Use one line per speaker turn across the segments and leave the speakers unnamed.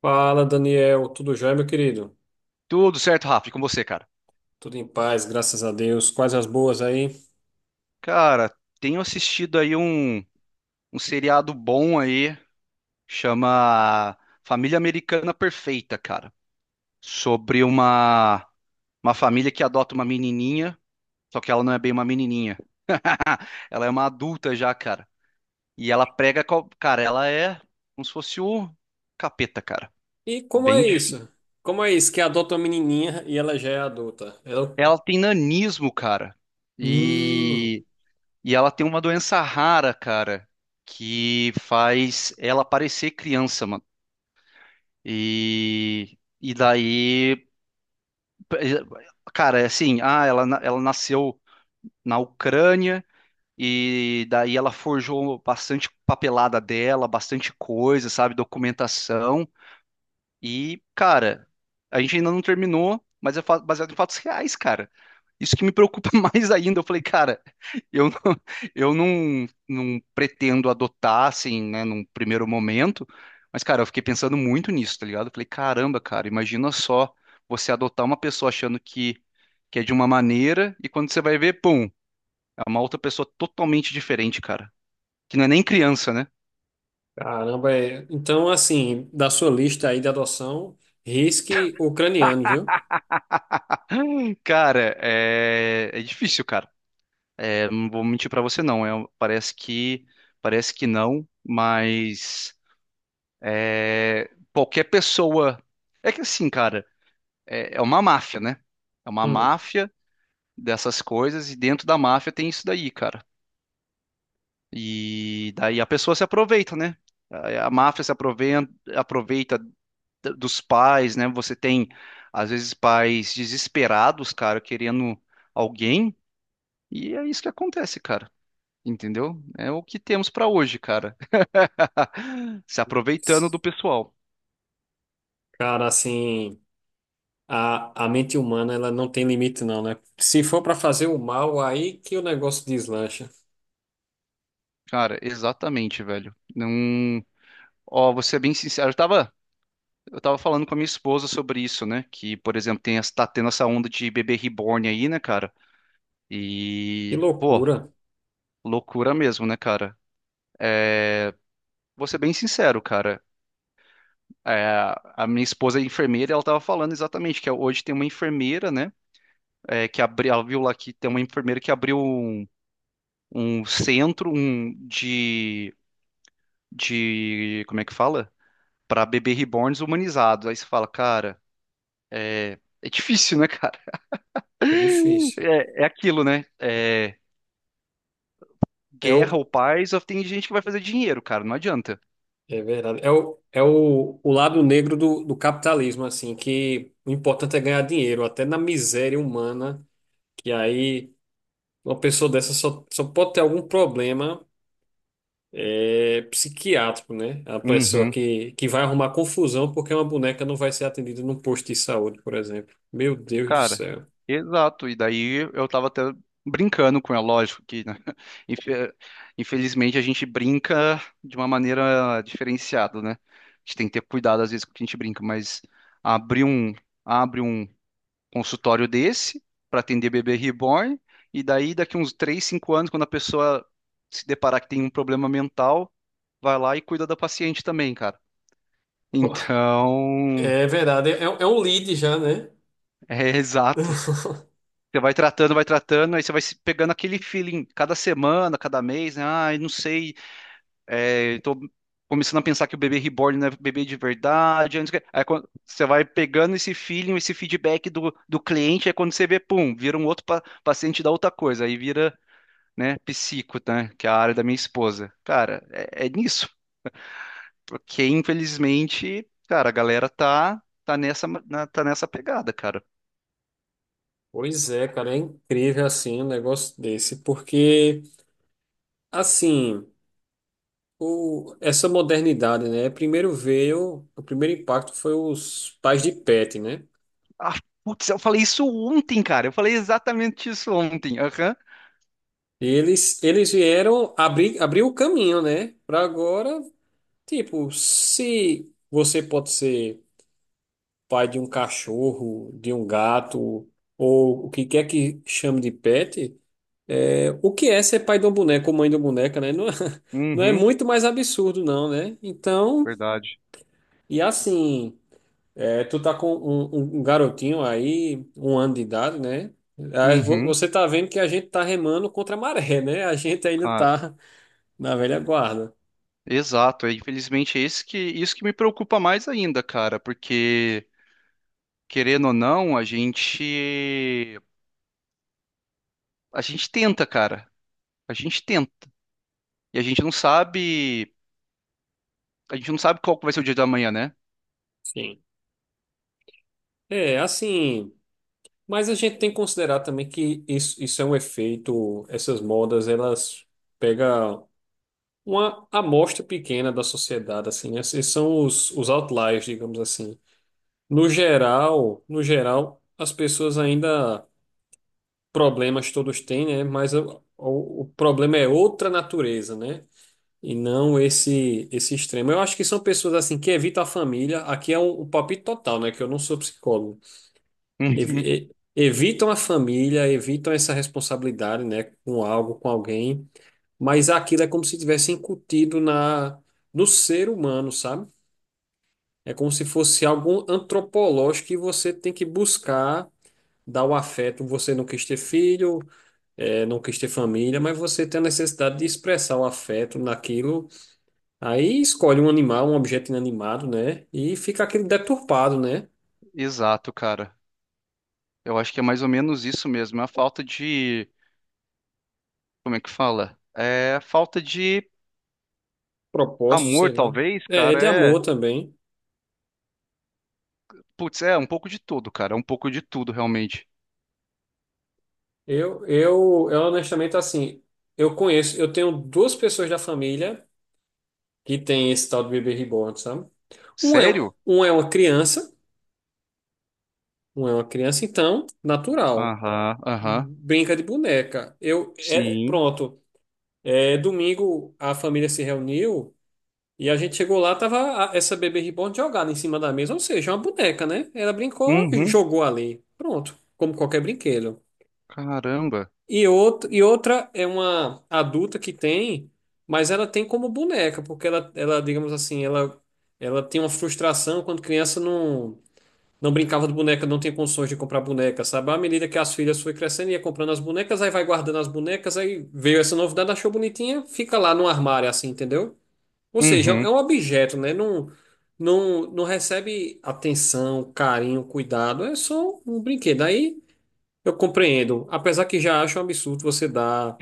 Fala, Daniel. Tudo jóia, meu querido?
Tudo certo, Rafa, e com você, cara?
Tudo em paz, graças a Deus. Quais as boas aí?
Cara, tenho assistido aí um seriado bom aí, chama Família Americana Perfeita, cara. Sobre uma família que adota uma menininha, só que ela não é bem uma menininha. Ela é uma adulta já, cara. E ela prega, cara, ela é como se fosse o capeta, cara.
E como
Bem,
é isso? Como é isso que adota uma menininha e ela já é adulta? Ela...
ela tem nanismo, cara.
Hum,
E, e ela tem uma doença rara, cara, que faz ela parecer criança, mano. E daí, cara, é assim, ela nasceu na Ucrânia e daí ela forjou bastante papelada dela, bastante coisa, sabe, documentação. E, cara, a gente ainda não terminou, mas é baseado em fatos reais, cara. Isso que me preocupa mais ainda. Eu falei, cara, eu não, eu não, não pretendo adotar, assim, né, num primeiro momento. Mas, cara, eu fiquei pensando muito nisso, tá ligado? Eu falei, caramba, cara, imagina só você adotar uma pessoa achando que é de uma maneira e quando você vai ver, pum, é uma outra pessoa totalmente diferente, cara. Que não é nem criança, né?
caramba. É. Então, assim, da sua lista aí de adoção, risque ucraniano, viu?
Cara, é difícil, cara. É, não vou mentir pra você não, parece que não, mas é, qualquer pessoa é que assim, cara, é uma máfia, né? É uma
Hum,
máfia dessas coisas e dentro da máfia tem isso daí, cara. E daí a pessoa se aproveita, né? A máfia se aproveita, aproveita dos pais, né? Você tem às vezes pais desesperados, cara, querendo alguém e é isso que acontece, cara. Entendeu? É o que temos pra hoje, cara. Se aproveitando do pessoal.
cara, assim, a mente humana, ela não tem limite não, né? Se for pra fazer o mal, aí que o negócio deslancha.
Cara, exatamente, velho. Não. Ó, vou ser bem sincero. Eu tava falando com a minha esposa sobre isso, né? Que, por exemplo, tá tendo essa onda de bebê reborn aí, né, cara?
Que
E, pô,
loucura.
loucura mesmo, né, cara? Vou ser bem sincero, cara. É, a minha esposa é enfermeira, e ela tava falando exatamente que hoje tem uma enfermeira, né? É, que abriu, ela viu lá que tem uma enfermeira que abriu um centro de como é que fala? Para bebê reborns humanizados. Aí você fala, cara, é difícil, né, cara?
É difícil.
É aquilo, né? É,
É
guerra
o,
ou paz, só tem gente que vai fazer dinheiro, cara, não adianta.
É verdade. O lado negro do capitalismo, assim, que o importante é ganhar dinheiro, até na miséria humana, que aí uma pessoa dessa só pode ter algum problema psiquiátrico, né? A pessoa
Uhum.
que vai arrumar confusão porque uma boneca não vai ser atendida num posto de saúde, por exemplo. Meu Deus do
Cara,
céu.
exato. E daí eu tava até brincando com ela, lógico que, né? Infe- Infelizmente a gente brinca de uma maneira diferenciada, né? A gente tem que ter cuidado às vezes com o que a gente brinca, mas abrir um, abre um consultório desse para atender bebê reborn, e daí daqui uns 3 5 anos, quando a pessoa se deparar que tem um problema mental, vai lá e cuida da paciente também, cara. Então,
É verdade, é, é um lead já, né?
é exato. Você vai tratando, aí você vai se pegando aquele feeling cada semana, cada mês, né? Ah, eu não sei, tô começando a pensar que o bebê reborn não é bebê de verdade. Aí quando você vai pegando esse feeling, esse feedback do cliente, aí quando você vê, pum, vira um outro paciente da outra coisa, aí vira, né? Psico, né? Que é a área da minha esposa. Cara, é nisso. Porque, infelizmente, cara, a galera tá nessa pegada, cara.
Pois é, cara, é incrível assim um negócio desse, porque assim. O, essa modernidade, né? Primeiro veio, o primeiro impacto foi os pais de pet, né?
Ah, putz, eu falei isso ontem, cara. Eu falei exatamente isso ontem. Aham.
E eles vieram abrir o caminho, né? Para agora, tipo, se você pode ser pai de um cachorro, de um gato, ou o que quer que chame de pet, é, o que é ser pai de um boneco ou mãe de uma boneca, né? Não, é- não é
Uhum,
muito mais absurdo, não, né? Então,
verdade.
e assim. É, tu tá com um um garotinho aí, um ano de idade, né? Ah, vo-
Uhum,
Você tá vendo que a gente tá remando contra a maré, né? A gente ainda
cara.
tá na velha guarda.
Exato. Infelizmente, é isso que me preocupa mais ainda, cara. Porque, querendo ou não, a gente tenta, cara. A gente tenta. E a gente não sabe qual que vai ser o dia da manhã, né?
Sim. É, assim, mas a gente tem que considerar também que isso é um efeito, essas modas, elas pegam uma amostra pequena da sociedade, assim, né? Esses são os outliers, digamos assim. No geral, as pessoas ainda problemas todos têm, né? Mas o problema é outra natureza, né? E não esse esse extremo. Eu acho que são pessoas assim que evitam a família. Aqui é um palpite total, né? Que eu não sou psicólogo.
Uhum.
Evitam a família, evitam essa responsabilidade, né? Com algo, com alguém. Mas aquilo é como se tivesse incutido na no ser humano, sabe? É como se fosse algo antropológico que você tem que buscar dar o afeto. Você não quis ter filho, é, não quis ter família, mas você tem a necessidade de expressar o afeto naquilo. Aí escolhe um animal, um objeto inanimado, né? E fica aquele deturpado, né?
Exato, cara. Eu acho que é mais ou menos isso mesmo. É a falta de. Como é que fala? É a falta de
Propósito,
amor,
sei lá.
talvez,
É, é
cara.
de
É.
amor também.
Putz, é um pouco de tudo, cara. É um pouco de tudo, realmente.
Eu honestamente, assim, eu conheço, eu tenho duas pessoas da família que tem esse tal de bebê reborn, sabe? Um é,
Sério?
um é uma criança, então, natural.
Aham, aham.
Brinca de boneca. Eu, é,
Sim.
pronto. É, domingo a família se reuniu. E a gente chegou lá, tava essa bebê reborn jogada em cima da mesa, ou seja, uma boneca, né? Ela brincou e
Uhum.
jogou ali. Pronto, como qualquer brinquedo.
Caramba.
E, outro e outra é uma adulta que tem, mas ela tem como boneca, porque ela digamos assim, ela tem uma frustração quando criança não brincava de boneca, não tinha condições de comprar boneca, sabe? À medida que as filhas foi crescendo, ia comprando as bonecas, aí vai guardando as bonecas, aí veio essa novidade, achou bonitinha, fica lá no armário, assim, entendeu? Ou seja, é
Uhum.
um objeto, né? Não, não recebe atenção, carinho, cuidado. É só um brinquedo. Aí eu compreendo. Apesar que já acho um absurdo você dar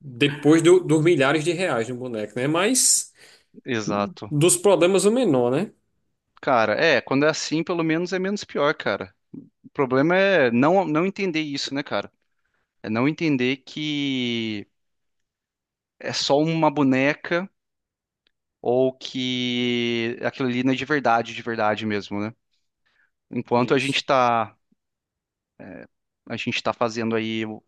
dos milhares de reais no boneco, né? Mas
Exato.
dos problemas o menor, né?
Cara, é. Quando é assim, pelo menos é menos pior, cara. O problema é não entender isso, né, cara? É não entender que é só uma boneca. Ou que aquilo ali não é de verdade mesmo, né? Enquanto a
Isso.
gente tá, a gente tá fazendo aí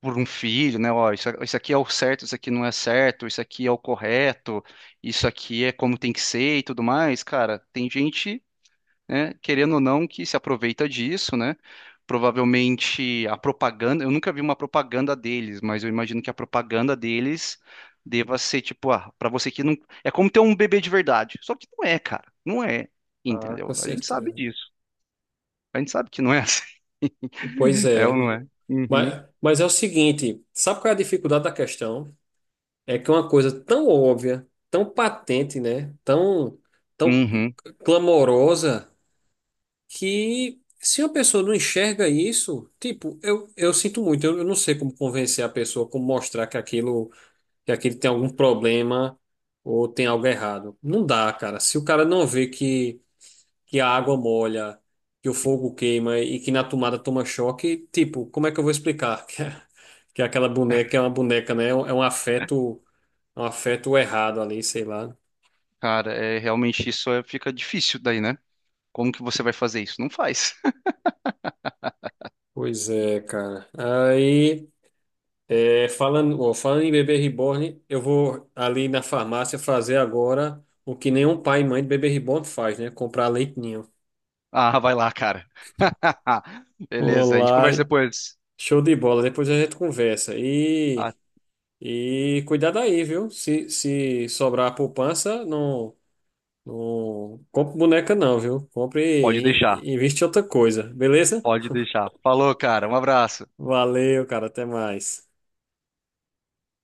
por um filho, né? Ó, isso aqui é o certo, isso aqui não é certo, isso aqui é o correto, isso aqui é como tem que ser e tudo mais, cara, tem gente, né? Querendo ou não, que se aproveita disso, né? Provavelmente a propaganda, eu nunca vi uma propaganda deles, mas eu imagino que a propaganda deles deva ser tipo, para você que não, é como ter um bebê de verdade. Só que não é, cara, não é,
Ah, com
entendeu? A gente sabe
certeza.
disso. A gente sabe que não é assim.
Pois
É ou
é.
não é? Uhum.
Mas é o seguinte, sabe qual é a dificuldade da questão? É que é uma coisa tão óbvia, tão patente, né? Tão
Uhum.
clamorosa que se uma pessoa não enxerga isso, tipo, eu sinto muito, eu não sei como convencer a pessoa, como mostrar que aquilo tem algum problema ou tem algo errado. Não dá, cara. Se o cara não vê que a água molha, que o fogo queima e que na tomada toma choque, tipo, como é que eu vou explicar que é aquela boneca é uma boneca, né? É um afeto errado ali, sei lá.
Cara, é realmente isso. Fica difícil daí, né? Como que você vai fazer isso? Não faz.
Pois é, cara. Aí. É, falando, ó, falando em bebê reborn, eu vou ali na farmácia fazer agora o que nenhum pai e mãe de bebê reborn faz, né? Comprar leite ninho.
Ah, vai lá, cara. Beleza, a gente conversa
Olá,
depois.
show de bola. Depois a gente conversa.
Ah,
E cuidado aí, viu? Se sobrar poupança, não compre boneca, não, viu? Compre
pode deixar.
e investe em outra coisa, beleza?
Pode deixar. Falou, cara. Um abraço.
Valeu, cara. Até mais.